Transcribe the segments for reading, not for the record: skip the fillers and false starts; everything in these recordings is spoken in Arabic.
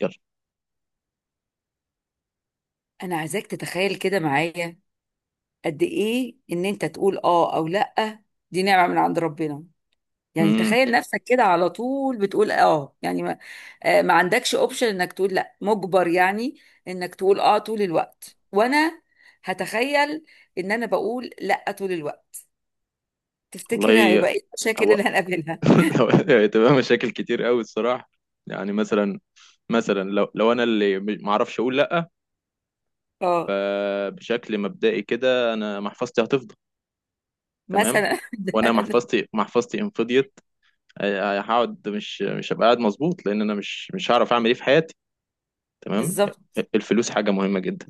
يلا انا عايزاك تتخيل كده معايا، قد ايه ان انت تقول اه او لا. دي نعمة من عند ربنا. يعني امم تخيل نفسك كده على طول بتقول اه، يعني ما عندكش اوبشن انك تقول لا، مجبر يعني انك تقول اه طول الوقت، وانا هتخيل ان انا بقول لا طول الوقت. تفتكر والله هيبقى ايه المشاكل اللي هو هنقابلها؟ لو هتبقى مشاكل كتير قوي الصراحه. يعني مثلا، لو انا اللي ما اعرفش اقول لا، اه، فبشكل مبدئي كده انا محفظتي هتفضى. تمام. مثلا. وانا محفظتي ان فضيت، هقعد مش هبقى قاعد مظبوط لان انا مش هعرف اعمل ايه في حياتي. تمام. بالظبط. الفلوس حاجه مهمه جدا.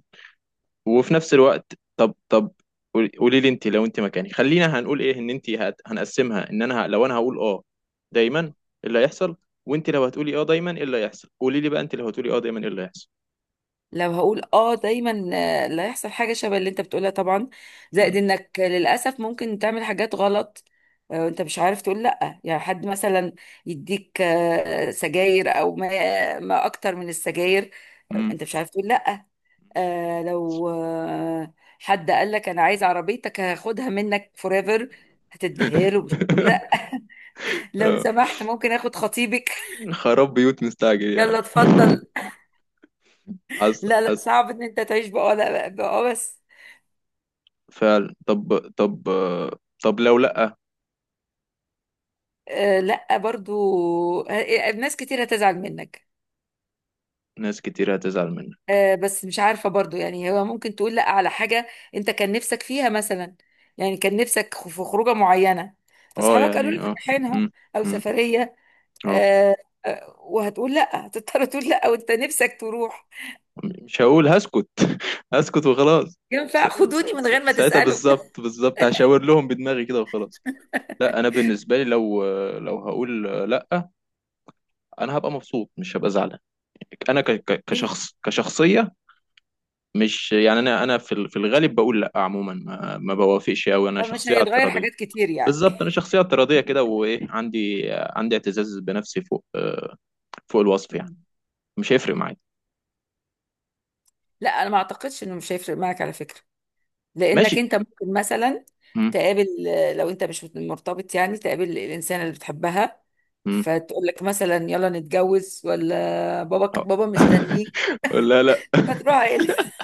وفي نفس الوقت، طب قولي لي، انت لو انت مكاني، خلينا هنقول ايه. ان انت هنقسمها، ان انا لو انا هقول اه دايما ايه اللي هيحصل؟ وانت لو هتقولي اه دايما ايه اللي هيحصل؟ قولي لي بقى، انت لو هتقولي اه دايما ايه اللي هيحصل؟ لو هقول اه دايما، لا، يحصل حاجه شبه اللي انت بتقولها طبعا. زائد مم. انك للاسف ممكن تعمل حاجات غلط. وانت مش عارف تقول لا، يعني حد مثلا يديك سجاير، او ما اكتر من السجاير. مم. انت مش عارف تقول لا. لو حد قال لك، انا عايز عربيتك هاخدها منك فوريفر، هتديها له، مش هتقول لا. لو آه. سمحت، ممكن اخد خطيبك؟ خراب بيوت مستعجل يلا، يعني. اتفضل. حصل لا، لا، حصل. صعب ان انت تعيش بقى لا بقى، بس. فعلا. طب لو لأ. آه، لا برضو. آه، ناس كتير هتزعل منك. ناس كتير هتزعل منك. آه، بس مش عارفة برضو، يعني هو ممكن تقول لا على حاجة انت كان نفسك فيها مثلا. يعني كان نفسك في خروجة معينة، اه، فاصحابك قالوا يعني لك اه. رايحينها، مم. او مم. سفرية. اه، آه. وهتقول لا، هتضطر تقول لا وانت نفسك تروح. مش هقول، هسكت. هسكت وخلاص. ينفع خدوني من غير ما ساعتها تسألوا؟ بالظبط بالظبط، هشاور لهم بدماغي كده وخلاص. لا، انا بالنسبه لي لو، هقول لا، انا هبقى مبسوط مش هبقى زعلان. انا ليه؟ كشخصيه. مش يعني، انا في الغالب بقول لا عموما، ما بوافقش قوي، انا مش شخصيه هيتغير اعتراضيه. حاجات كتير يعني. بالظبط، انا شخصيه اعتراضيه كده، وايه، عندي اعتزاز بنفسي فوق، فوق الوصف يعني. مم. مش هيفرق معايا. لا، انا ما اعتقدش انه مش هيفرق معك على فكرة. لانك ماشي. انت ممكن مثلا م- تقابل، لو انت مش مرتبط يعني، تقابل الانسان اللي بتحبها، م. فتقول لك مثلا يلا نتجوز، ولا بابا بابا مستنيك، لا لا. فتروح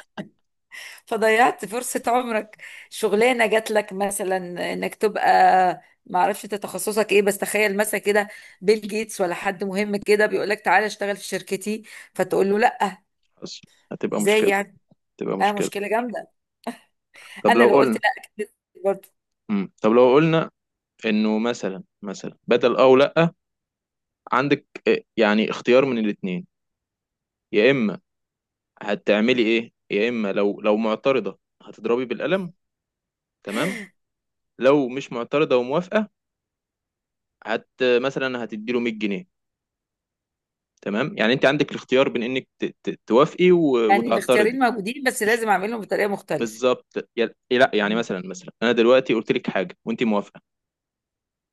فضيعت فرصة عمرك. شغلانة جات لك مثلا، انك تبقى، ما اعرفش انت تخصصك ايه، بس تخيل مثلا كده، بيل جيتس ولا حد مهم كده بيقول لك تعالى اشتغل في شركتي، فتقول له لا. حصل. هتبقى ازاي مشكله. يعني؟ تبقى اه، مشكلة. مشكلة جامدة. طب انا لو لو قلت قلنا. لا، أكيد برضه. مم. طب لو قلنا انه مثلا، بدل او لا، عندك يعني اختيار من الاتنين. يا اما هتعملي ايه؟ يا اما لو معترضة هتضربي بالقلم، تمام، لو مش معترضة وموافقة هت مثلا هتديله 100 جنيه. تمام. يعني انت عندك الاختيار بين انك توافقي يعني الاختيارين وتعترضي. موجودين، بس مش لازم اعملهم بطريقه مختلفه. بالظبط، لا يعني مم. مثلا، انا دلوقتي قلت لك حاجة وانت موافقة،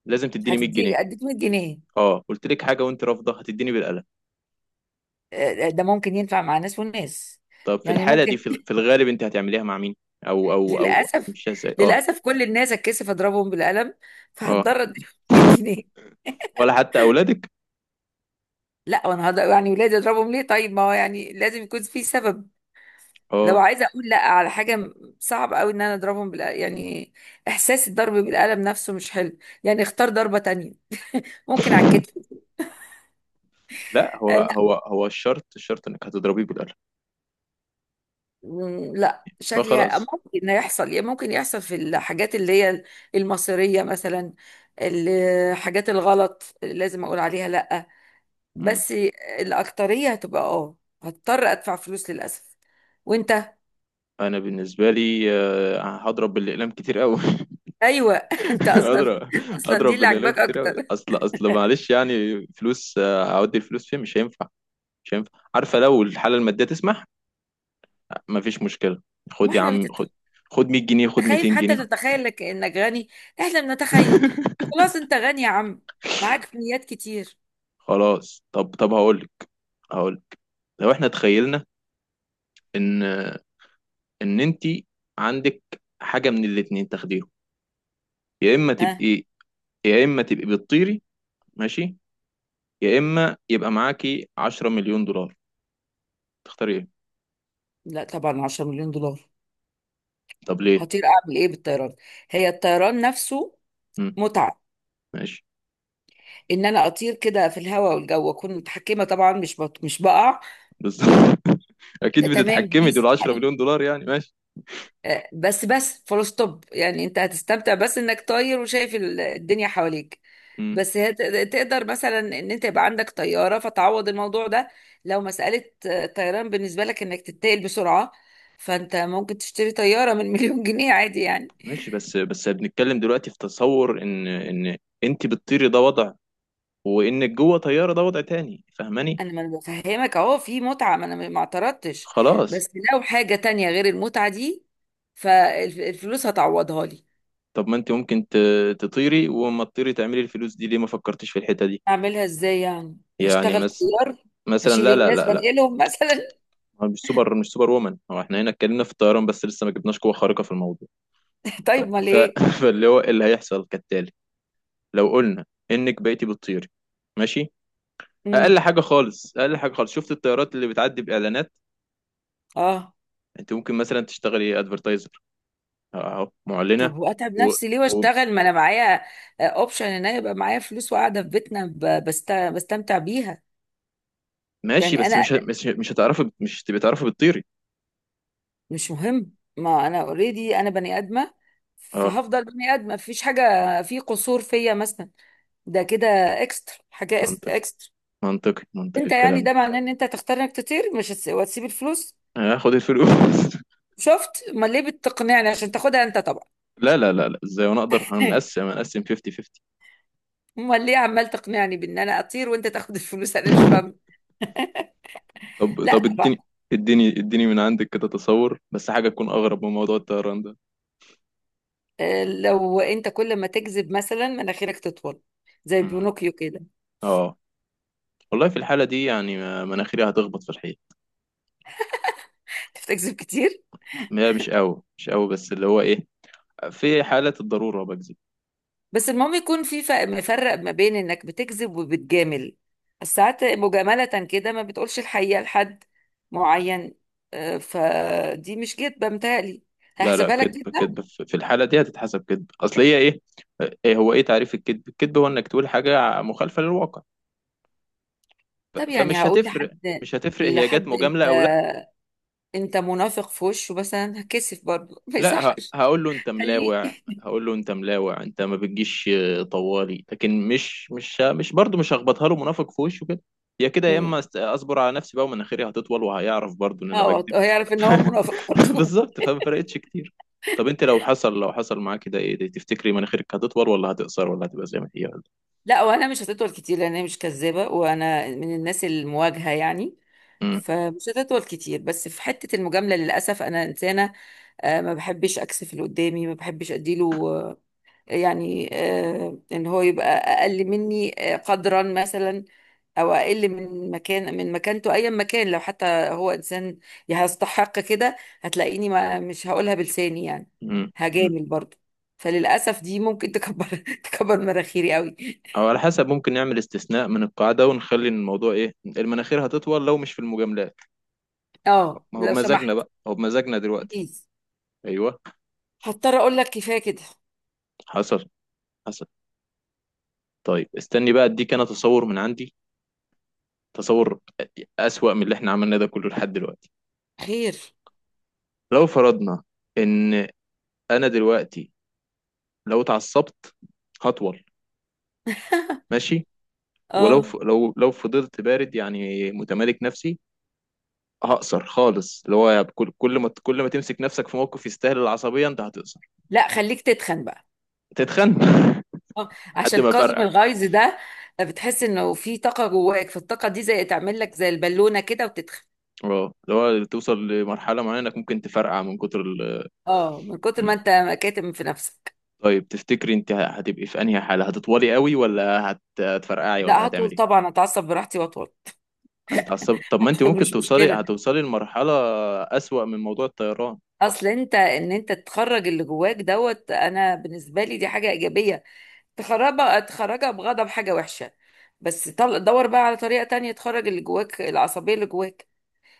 لازم تديني 100 جنيه اديك 100 جنيه. اه، قلت لك حاجة وانت رافضة، هتديني بالقلم. ده ممكن ينفع مع ناس وناس. طب في يعني الحالة دي، ممكن. في الغالب انت هتعمليها مع مين، او للاسف، هتمشيها ازاي؟ اه. للاسف، كل الناس اتكسف اضربهم بالقلم، اه، فهتضطر اديهم 100 جنيه. ولا حتى اولادك؟ لا، وانا يعني ولادي اضربهم ليه؟ طيب، ما هو يعني لازم يكون في سبب. لو اه. عايزه اقول لا على حاجه، صعب قوي ان انا اضربهم بال، يعني احساس الضرب بالقلم نفسه مش حلو. يعني اختار ضربه تانية، ممكن على الكتف. لا، هو الشرط، انك هتضربيه بالقلم. لا، بقى شكلي خلاص. ممكن يحصل، ممكن يحصل في الحاجات اللي هي المصيرية مثلا، الحاجات الغلط اللي لازم اقول عليها لا. مم. بس الأكترية هتبقى، هضطر ادفع فلوس للأسف. وانت؟ انا بالنسبه لي، هضرب بالاقلام كتير قوي. ايوه. انت اصلا، هضرب. اصلا دي اللي بالاقلام عاجباك كتير قوي، اكتر. اصل معلش يعني، فلوس، هودي الفلوس فين، مش هينفع. مش هينفع، عارفه، لو الحاله الماديه تسمح مفيش مشكله. وما خد يا احنا عم خد، خد 100 جنيه، خد بتخايف 200 حتى جنيه تتخيل لك انك غني. احنا بنتخيل. خلاص، انت غني يا عم، معاك مليات كتير. خلاص. طب هقولك، لو احنا تخيلنا ان، انت عندك حاجه من الاتنين تاخديهم. يا اما ها. تبقي يا اما تبقي بتطيري، ماشي، يا اما يبقى معاكي 10 مليون دولار. تختاري ايه؟ لا طبعا، 10 مليون دولار. طب ليه؟ هطير اعمل ايه بالطيران؟ هي الطيران نفسه مم. متعه، ماشي. ان انا اطير كده في الهواء والجو، اكون متحكمه طبعا، مش بقع. بالظبط. ده اكيد تمام، بتتحكمي. دول بيس. 10 مليون دولار يعني. ماشي. بس فول ستوب، يعني انت هتستمتع بس انك طاير وشايف الدنيا حواليك. مم. بس هي تقدر مثلا ان انت يبقى عندك طياره فتعوض الموضوع ده. لو مساله طيران بالنسبه لك انك تتنقل بسرعه، فانت ممكن تشتري طياره من مليون جنيه عادي يعني. ماشي، بس بنتكلم دلوقتي في تصور، ان، انت بتطيري ده وضع، وانك جوه طياره ده وضع تاني، فاهماني؟ ما انا بفهمك اهو، في متعه، ما انا ما اعترضتش. خلاص. بس لو حاجه تانية غير المتعه دي، فالفلوس هتعوضها لي. طب ما انت ممكن تطيري وما تطيري تعملي الفلوس دي. ليه ما فكرتيش في الحتة دي؟ اعملها ازاي؟ يعني يعني اشتغل طيار؟ مثلا، لا هشيل لا الناس لا لا. بنقلهم مثلا؟ هو مش سوبر وومن. هو احنا هنا اتكلمنا في الطيران بس، لسه ما جبناش قوة خارقة في الموضوع. ف... طيب، ما ف... ليه فاللي هو، إيه اللي هيحصل كالتالي: لو قلنا انك بقيتي بتطيري، ماشي، امم اقل حاجة خالص، اقل حاجة خالص، شفت الطيارات اللي بتعدي باعلانات؟ اه انت ممكن مثلا تشتغلي ادفرتايزر، اهو معلنة. طب، واتعب و... نفسي ليه و... واشتغل؟ ما انا معايا اوبشن ان انا يبقى معايا فلوس وقاعده في بيتنا بستمتع بيها. ماشي. يعني بس انا، مش هتعرفي، مش هتبقي تعرفي بتطيري. مش مهم، ما انا اوريدي، انا بني ادمه، اه، فهفضل بني ادمه، مفيش حاجه في قصور فيا مثلا. ده كده اكسترا حاجه، منطقي، اكسترا. منطقي، منطقي انت يعني الكلام. ده معناه ان انت تختار انك تطير، مش هتس- وتسيب الفلوس. هاخد الفلوس. شفت؟ امال ليه بتقنعني؟ عشان تاخدها انت طبعا. لا لا لا لا، ازاي وانا اقدر؟ هنقسم هنقسم 50 50. امال ليه عمال تقنعني بان انا اطير وانت تاخد الفلوس؟ انا مش فاهم. طب لا طب طبعا. اديني، اديني اديني من عندك كده تصور، بس حاجة تكون اغرب من موضوع الطيران ده. لو انت كل ما تكذب مثلا مناخيرك تطول، زي مم. بينوكيو كده. اه، والله في الحالة دي يعني، مناخيري هتخبط في الحيط. انت بتكذب كتير؟ هي مش قوي، مش قوي، بس اللي هو ايه، في حالة الضرورة بكذب. بس المهم يكون في مفرق ما بين انك بتكذب وبتجامل، ساعات مجاملة كده ما بتقولش الحقيقة لحد معين. فدي مش كدبة متهيألي، لا لا، هحسبها لك كذب كده. كذب، في الحالة دي هتتحسب كذب. اصل هي ايه، هو ايه تعريف الكذب؟ الكذب هو انك تقول حاجة مخالفة للواقع. طب يعني فمش هقول هتفرق. مش هتفرق هي جت لحد مجاملة انت او. انت منافق في وشه، بس انا هكسف برضه، ما لا، يصحش. هقول له انت خليه. ملاوع. هقول له انت ملاوع، انت ما بتجيش طوالي. لكن مش برضه، مش هخبطها له منافق في وشه كده. يا كده، يا مم. اما اصبر على نفسي بقى ومناخيري هتطول وهيعرف برضه ان انا اه، بكذب. هيعرف ان هو منافق برضه. بالظبط. فما فرقتش كتير. طب انت لو حصل، معاك كده، ايه تفتكري مناخيرك هتطول ولا هتقصر ولا هتبقى زي ما هي ولا؟ لا، وانا مش هتطول كتير لان انا مش كذابه، وانا من الناس المواجهه يعني. مم. فمش هتطول كتير، بس في حته المجامله للاسف، انا انسانه ما بحبش اكسف اللي قدامي، ما بحبش اديله يعني ان هو يبقى اقل مني قدرا مثلا، او اقل من مكانته، ايا مكان، لو حتى هو انسان يستحق كده، هتلاقيني ما مش هقولها بلساني يعني، مم. مم. هجامل برضه. فللاسف دي ممكن تكبر، تكبر مناخيري قوي. او على حسب، ممكن نعمل استثناء من القاعده ونخلي الموضوع ايه، المناخير هتطول لو مش في المجاملات. اه، ما هو لو بمزاجنا سمحت، بقى، ما هو بمزاجنا دلوقتي. بليز، ايوه. هضطر اقول لك كفايه كده. حصل حصل. طيب استني بقى، اديك انا تصور من عندي، تصور اسوأ من اللي احنا عملناه ده كله لحد دلوقتي. خير. لو فرضنا ان انا دلوقتي لو اتعصبت هطول. ماشي. ولو اه، لو، فضلت بارد يعني متمالك نفسي، هقصر خالص. اللي هو كل ما تمسك نفسك في موقف يستاهل العصبية انت هتقصر. لا خليك تتخن بقى. تتخن. اه، لحد عشان ما كظم فرقع. الغيظ ده، بتحس انه في طاقه جواك، فالطاقه دي زي تعمل لك زي البالونه كده، وتتخن. اه، اللي هو توصل لمرحلة معينة انك ممكن تفرقع من كتر. اه، من كتر ما انت كاتم في نفسك. طيب تفتكري انت هتبقي في انهي حاله، هتطولي قوي ولا هتفرقعي ولا لا، هطول هتعملي ايه؟ طبعا، اتعصب براحتي واطول. هتتعصبي. طب ما انت ممكن مش مشكله. هتوصلي لمرحله اسوأ من موضوع الطيران. اصل ان انت تخرج اللي جواك دوت، انا بالنسبه لي دي حاجه ايجابيه. تخرجها، تخرجها بغضب، حاجة وحشة. بس دور بقى على طريقة تانية تخرج اللي جواك، العصبية اللي جواك.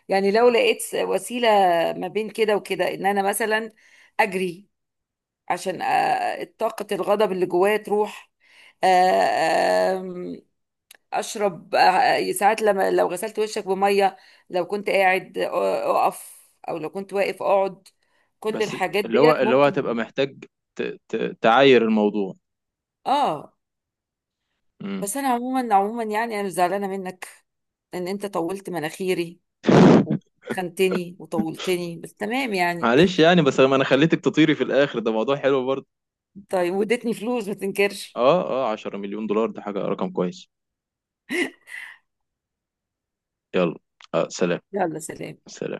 يعني لو لقيت وسيلة ما بين كده وكده، ان انا مثلا اجري عشان طاقة الغضب اللي جوايا تروح، أ- أم- اشرب، ساعات لما لو غسلت وشك بمية، لو كنت قاعد اقف، او لو كنت واقف اقعد. كل بس الحاجات اللي هو، ديت هتبقى ممكن. محتاج تعاير الموضوع. اه، امم بس انا عموما عموما، يعني انا مش زعلانه منك ان انت طولت مناخيري، وخنتني وطولتني، بس تمام يعني. معلش يعني، بس ما انا خليتك تطيري في الاخر، ده موضوع حلو برضه. طيب، واديتني فلوس ما تنكرش. اه اه، 10 مليون دولار ده حاجه رقم كويس. يلا. سلام. يلا، سلام. سلام.